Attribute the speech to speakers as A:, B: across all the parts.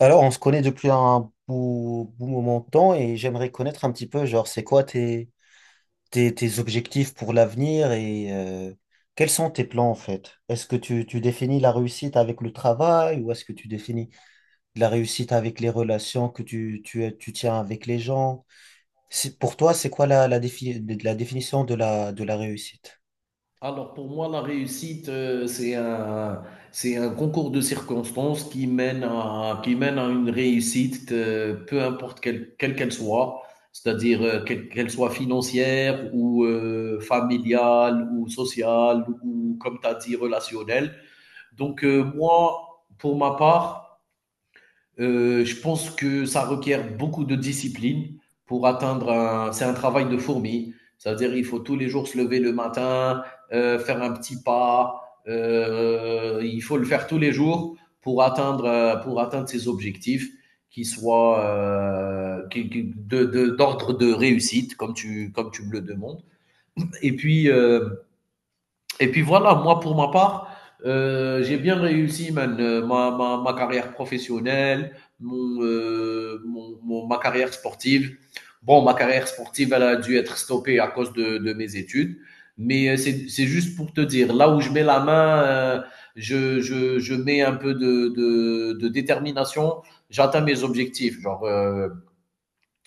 A: Alors, on se connaît depuis un beau, beau moment de temps, et j'aimerais connaître un petit peu, genre, c'est quoi tes objectifs pour l'avenir et quels sont tes plans en fait? Est-ce que tu définis la réussite avec le travail, ou est-ce que tu définis la réussite avec les relations que tu tiens avec les gens? Pour toi, c'est quoi la définition de la réussite?
B: Alors pour moi, la réussite, c'est un concours de circonstances qui mène à une réussite, peu importe quelle qu'elle soit, c'est-à-dire quelle qu'elle soit financière ou familiale ou sociale ou, comme tu as dit, relationnelle. Donc moi, pour ma part, je pense que ça requiert beaucoup de discipline pour atteindre un. C'est un travail de fourmi. C'est-à-dire, il faut tous les jours se lever le matin, faire un petit pas. Il faut le faire tous les jours pour atteindre ses objectifs, qui soient d'ordre de réussite, comme tu me le demandes. Et puis, euh, et puis voilà, moi pour ma part, j'ai bien réussi man, ma carrière professionnelle, ma carrière sportive. Bon, ma carrière sportive, elle a dû être stoppée à cause de mes études. Mais c'est juste pour te dire, là où je mets la main, je mets un peu de détermination, j'atteins mes objectifs. Genre,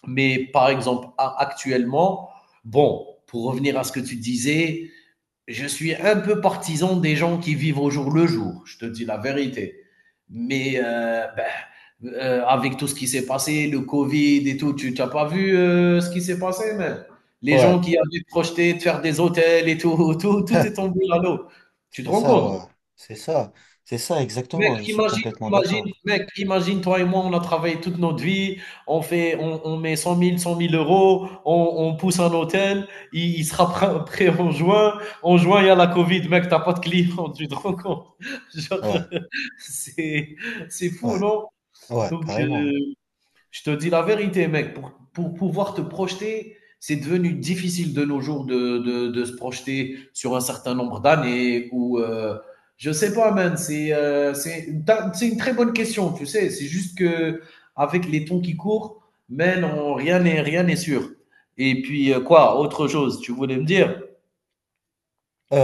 B: mais par exemple, actuellement, bon, pour revenir à ce que tu disais, je suis un peu partisan des gens qui vivent au jour le jour, je te dis la vérité. Mais avec tout ce qui s'est passé, le Covid et tout, tu n'as pas vu ce qui s'est passé, mais les gens
A: Ouais,
B: qui avaient projeté de faire des hôtels et tout, tout est tombé à l'eau. Tu te
A: c'est
B: rends
A: ça, ouais.
B: compte?
A: C'est ça. C'est ça,
B: Mec,
A: exactement. Je suis complètement d'accord.
B: imagine, toi et moi, on a travaillé toute notre vie, on met cent mille euros, on pousse un hôtel, il sera prêt, en juin. En juin, il y a la Covid, mec, t'as pas de clients, tu te rends compte. Genre,
A: Ouais,
B: c'est, c'est fou,
A: ouais,
B: non?
A: ouais,
B: Donc,
A: carrément.
B: je te dis la vérité, mec, pour pouvoir te projeter, c'est devenu difficile de nos jours de se projeter sur un certain nombre d'années ou je sais pas, man. C'est une très bonne question, tu sais. C'est juste que avec les temps qui courent, man, rien n'est sûr. Et puis quoi, autre chose, tu voulais me dire?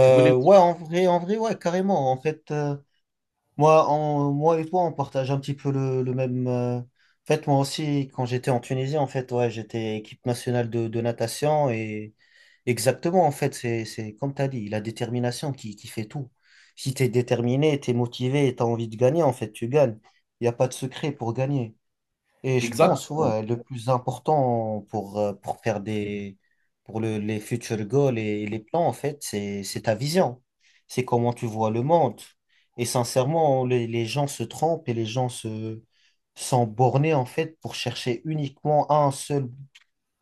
B: Tu voulais me dire-
A: Ouais, en vrai, ouais, carrément. En fait. Moi et toi, on partage un petit peu le même. En fait, moi aussi, quand j'étais en Tunisie, en fait, ouais, j'étais équipe nationale de natation. Et exactement, en fait, c'est comme tu as dit, la détermination qui fait tout. Si tu es déterminé, tu es motivé et tu as envie de gagner, en fait, tu gagnes. Il n'y a pas de secret pour gagner. Et je pense,
B: Exactement,
A: ouais, le plus important pour faire des, pour le- les future goals et les plans, en fait, c'est ta vision. C'est comment tu vois le monde. Et sincèrement, les gens se trompent, et les gens sont bornés, en fait, pour chercher uniquement un seul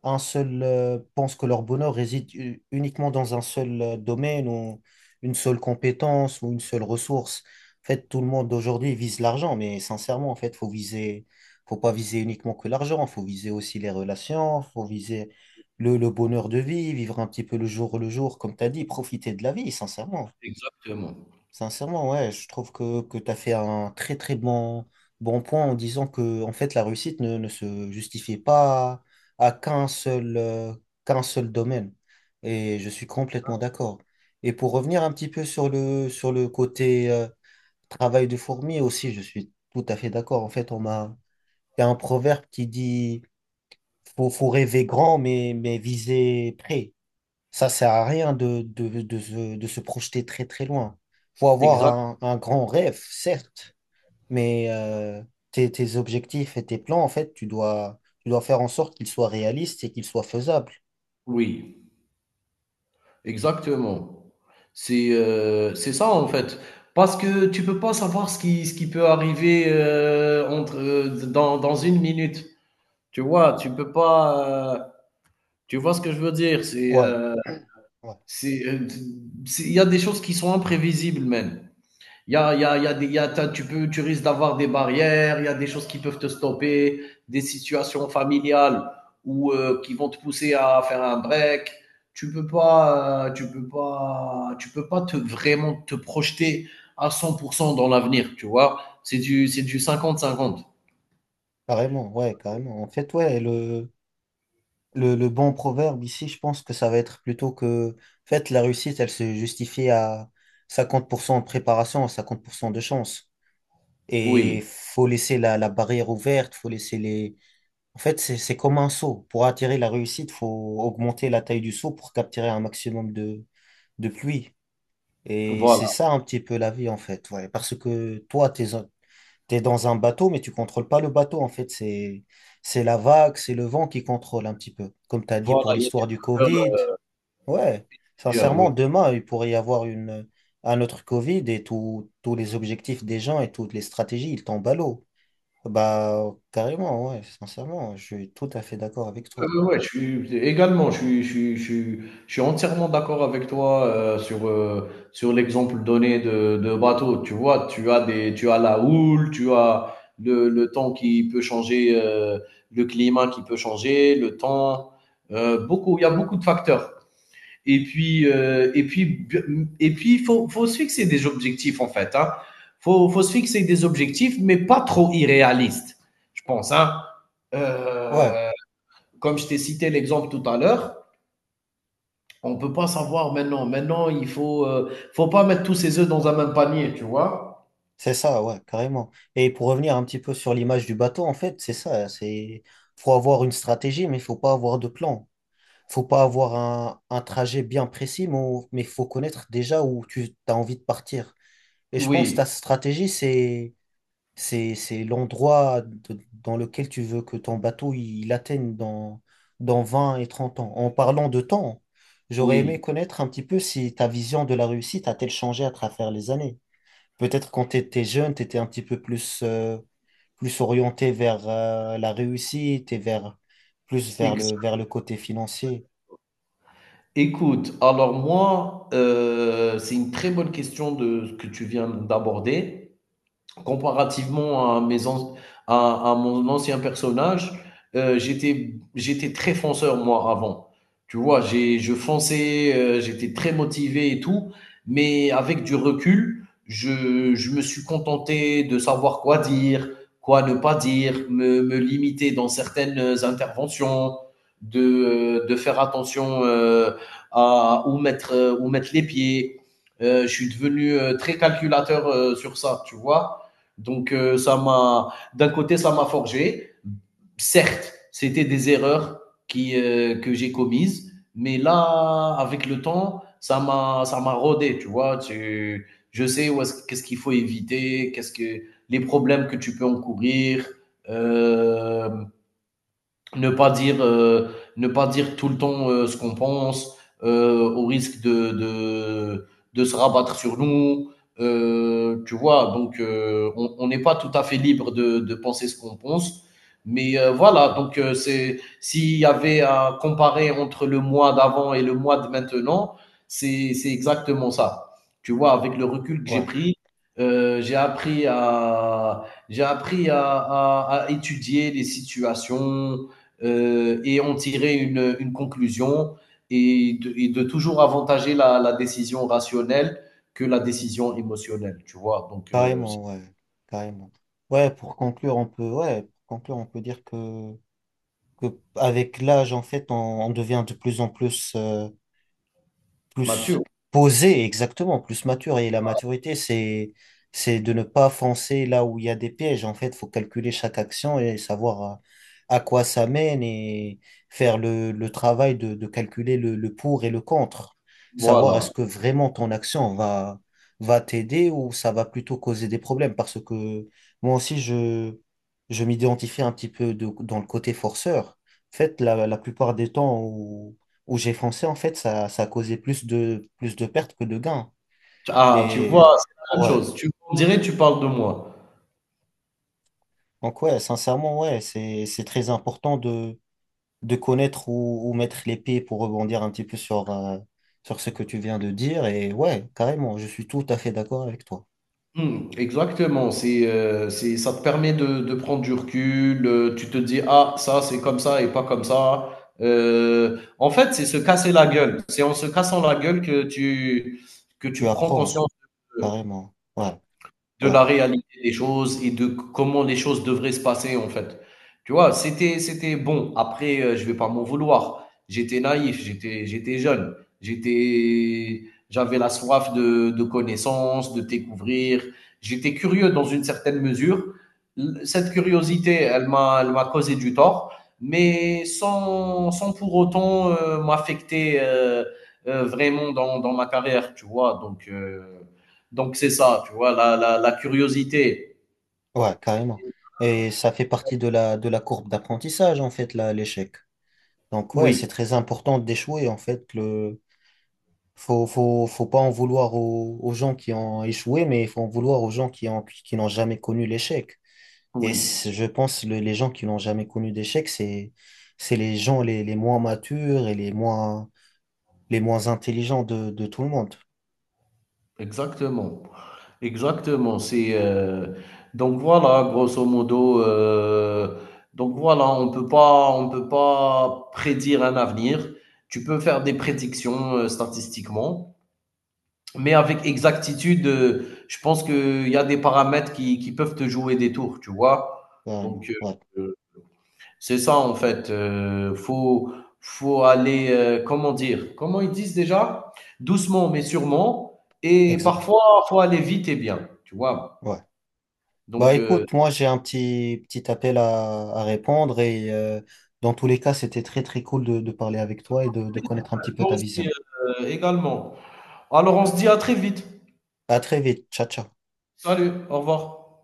A: un seul, euh, pense que leur bonheur réside uniquement dans un seul domaine, ou une seule compétence, ou une seule ressource. En fait, tout le monde aujourd'hui vise l'argent, mais sincèrement, en fait, faut pas viser uniquement que l'argent, faut viser aussi les relations, faut viser le bonheur de vie, vivre un petit peu le jour, comme tu as dit, profiter de la vie, sincèrement.
B: exactement,
A: Sincèrement, ouais, je trouve que tu as fait un très très bon point, en disant que en fait la réussite ne se justifie pas à qu'un seul domaine. Et je suis complètement d'accord. Et pour revenir un petit peu sur le côté travail de fourmi aussi, je suis tout à fait d'accord. En fait, il y a un proverbe qui dit: faut rêver grand, mais viser près. Ça sert à rien de se projeter très très loin. Faut avoir
B: exact.
A: un grand rêve, certes, mais tes objectifs et tes plans, en fait, tu dois faire en sorte qu'ils soient réalistes et qu'ils soient faisables.
B: Oui. Exactement. C'est ça en fait. Parce que tu peux pas savoir ce qui peut arriver, entre, dans une minute. Tu vois? Tu peux pas, tu vois ce que je veux dire?
A: Ouais, ouais,
B: C'est, heu, c'est il y a des choses qui sont imprévisibles même. Il y a des, tu risques d'avoir des barrières, il y a des choses qui peuvent te stopper, des situations familiales ou qui vont te pousser à faire un break. Tu peux pas te vraiment te projeter à 100% dans l'avenir, tu vois. C'est du 50-50.
A: carrément, ouais, carrément. En fait, ouais, le bon proverbe ici, je pense que ça va être plutôt que, en fait, la réussite, elle se justifie à 50% de préparation, à 50% de chance.
B: Oui,
A: Et faut laisser la barrière ouverte. En fait, c'est comme un seau. Pour attirer la réussite, faut augmenter la taille du seau pour capturer un maximum de pluie. Et
B: voilà,
A: c'est ça un petit peu la vie, en fait. Ouais. Parce que toi, t'es dans un bateau, mais tu contrôles pas le bateau, en fait. C'est la vague, c'est le vent qui contrôle un petit peu. Comme tu as dit
B: voilà,
A: pour
B: il y a
A: l'histoire
B: des
A: du
B: facteurs,
A: Covid. Ouais. Sincèrement,
B: oui.
A: demain, il pourrait y avoir un autre Covid, et tous les objectifs des gens et toutes les stratégies, ils tombent à l'eau. Bah, carrément, ouais, sincèrement, je suis tout à fait d'accord avec toi.
B: Ouais, ouais, ouais, je suis également, je suis entièrement d'accord avec toi, sur l'exemple donné de bateau. Tu vois, tu as la houle, tu as le temps qui peut changer, le climat qui peut changer, le temps, beaucoup il y a beaucoup de facteurs et puis b mmh et puis il faut se fixer des objectifs, en fait, hein. Faut se fixer des objectifs, mais pas trop irréalistes, je pense, hein. Heu
A: Ouais,
B: Comme je t'ai cité l'exemple tout à l'heure, on ne peut pas savoir maintenant. Maintenant, il ne faut, faut pas mettre tous ses œufs dans un même panier, tu vois?
A: c'est ça, ouais, carrément. Et pour revenir un petit peu sur l'image du bateau, en fait, c'est ça, c'est faut avoir une stratégie, mais il faut pas avoir de plan. Faut pas avoir un trajet bien précis, mais faut connaître déjà où tu as envie de partir. Et je pense que
B: Oui,
A: ta stratégie, c'est l'endroit dans lequel tu veux que ton bateau il atteigne dans 20 et 30 ans. En parlant de temps, j'aurais aimé
B: oui.
A: connaître un petit peu si ta vision de la réussite a-t-elle changé à travers les années. Peut-être quand tu étais jeune, tu étais un petit peu plus orienté vers la réussite, et plus vers
B: Ex-
A: le, vers le côté financier.
B: Écoute, alors moi, c'est une très bonne question de ce que tu viens d'aborder. Comparativement à, à mon ancien personnage, j'étais très fonceur, moi, avant. Tu vois, je fonçais, j'étais très motivé et tout, mais avec du recul, je me suis contenté de savoir quoi dire, quoi ne pas dire, me limiter dans certaines interventions, de faire attention à où mettre les pieds. Je suis devenu très calculateur sur ça, tu vois. Donc, ça m'a, d'un côté, ça m'a forgé. Certes, c'était des erreurs qui, que j'ai commises, mais là, avec le temps, ça m'a rodé, tu vois. Je sais où est-ce, qu'est-ce qu'il faut éviter, qu'est-ce que les problèmes que tu peux encourir. Euh, ne pas dire, euh, ne pas dire tout le temps ce qu'on pense, au risque de se rabattre sur nous. Tu vois, donc on n'est pas tout à fait libre de penser ce qu'on pense. Mais voilà, donc c'est s'il y avait à comparer entre le mois d'avant et le mois de maintenant, c'est exactement ça. Tu vois, avec le recul que j'ai
A: Ouais,
B: pris, euh, j'ai appris à j'ai appris à étudier les situations, et en tirer une conclusion et et de toujours avantager la décision rationnelle que la décision émotionnelle, tu vois. Donc,
A: carrément, ouais, carrément. Ouais, pour conclure, on peut dire que, que avec l'âge, en fait, on devient de plus en plus, plus
B: Mathieu,
A: posé, exactement, plus mature. Et la maturité, c'est de ne pas foncer là où il y a des pièges. En fait, faut calculer chaque action et savoir à quoi ça mène, et faire le travail de calculer le pour et le contre. Savoir
B: voilà.
A: est-ce que vraiment ton action va t'aider, ou ça va plutôt causer des problèmes. Parce que moi aussi, je m'identifie un petit peu dans le côté forceur. En fait, la plupart des temps où j'ai foncé, en fait, ça a causé plus de pertes que de gains.
B: Ah, tu
A: Et
B: vois, c'est la même
A: ouais,
B: chose. On dirait tu parles de moi.
A: donc ouais, sincèrement, ouais, c'est très important de connaître où mettre les pieds pour rebondir un petit peu sur ce que tu viens de dire. Et ouais, carrément, je suis tout à fait d'accord avec toi.
B: Hmm, exactement. Ça te permet de prendre du recul. Tu te dis, ah, ça, c'est comme ça et pas comme ça. En fait, c'est se casser la gueule. C'est en se cassant la gueule que tu
A: Tu
B: prends
A: apprends,
B: conscience.
A: carrément. Ouais,
B: De
A: ouais, ouais,
B: la
A: ouais,
B: réalité des choses et de comment les choses devraient se passer, en fait. Tu vois? C'était bon, après, je vais pas m'en vouloir. J'étais naïf, j'étais jeune, j'étais j'avais la soif de connaissances, de découvrir. J'étais curieux dans une certaine mesure. L Cette curiosité, elle m'a causé du tort, mais sans pour autant, m'affecter, vraiment dans ma carrière, tu vois? Donc c'est ça, tu vois, la curiosité.
A: ouais, carrément. Et ça fait partie de la courbe d'apprentissage, en fait, là, l'échec. Donc ouais,
B: Oui,
A: c'est très important d'échouer, en fait, le. Faut pas en vouloir aux gens qui ont échoué, mais il faut en vouloir aux gens qui ont, qui n'ont jamais connu l'échec. Et
B: oui,
A: je pense que les gens qui n'ont jamais connu d'échec, c'est les gens les moins matures et les moins intelligents de tout le monde.
B: exactement. Exactement. C'est donc voilà, grosso modo. Donc voilà, on peut pas prédire un avenir. Tu peux faire des prédictions statistiquement, mais avec exactitude, je pense qu'il y a des paramètres qui peuvent te jouer des tours, tu vois.
A: Carrément.
B: Donc
A: Ouais,
B: euh, c'est ça en fait, faut aller, comment dire? Comment ils disent déjà? Doucement mais sûrement et
A: exact.
B: parfois, faut aller vite et bien, tu vois?
A: Ouais. Bah
B: Donc
A: écoute, moi j'ai un petit appel à répondre, et dans tous les cas, c'était très très cool de parler avec
B: ça
A: toi et
B: m'a fait
A: de
B: plaisir,
A: connaître un
B: ouais.
A: petit peu
B: Moi
A: ta
B: aussi,
A: vision.
B: également. Alors on se dit à très vite.
A: À très vite. Ciao, ciao.
B: Salut, au revoir.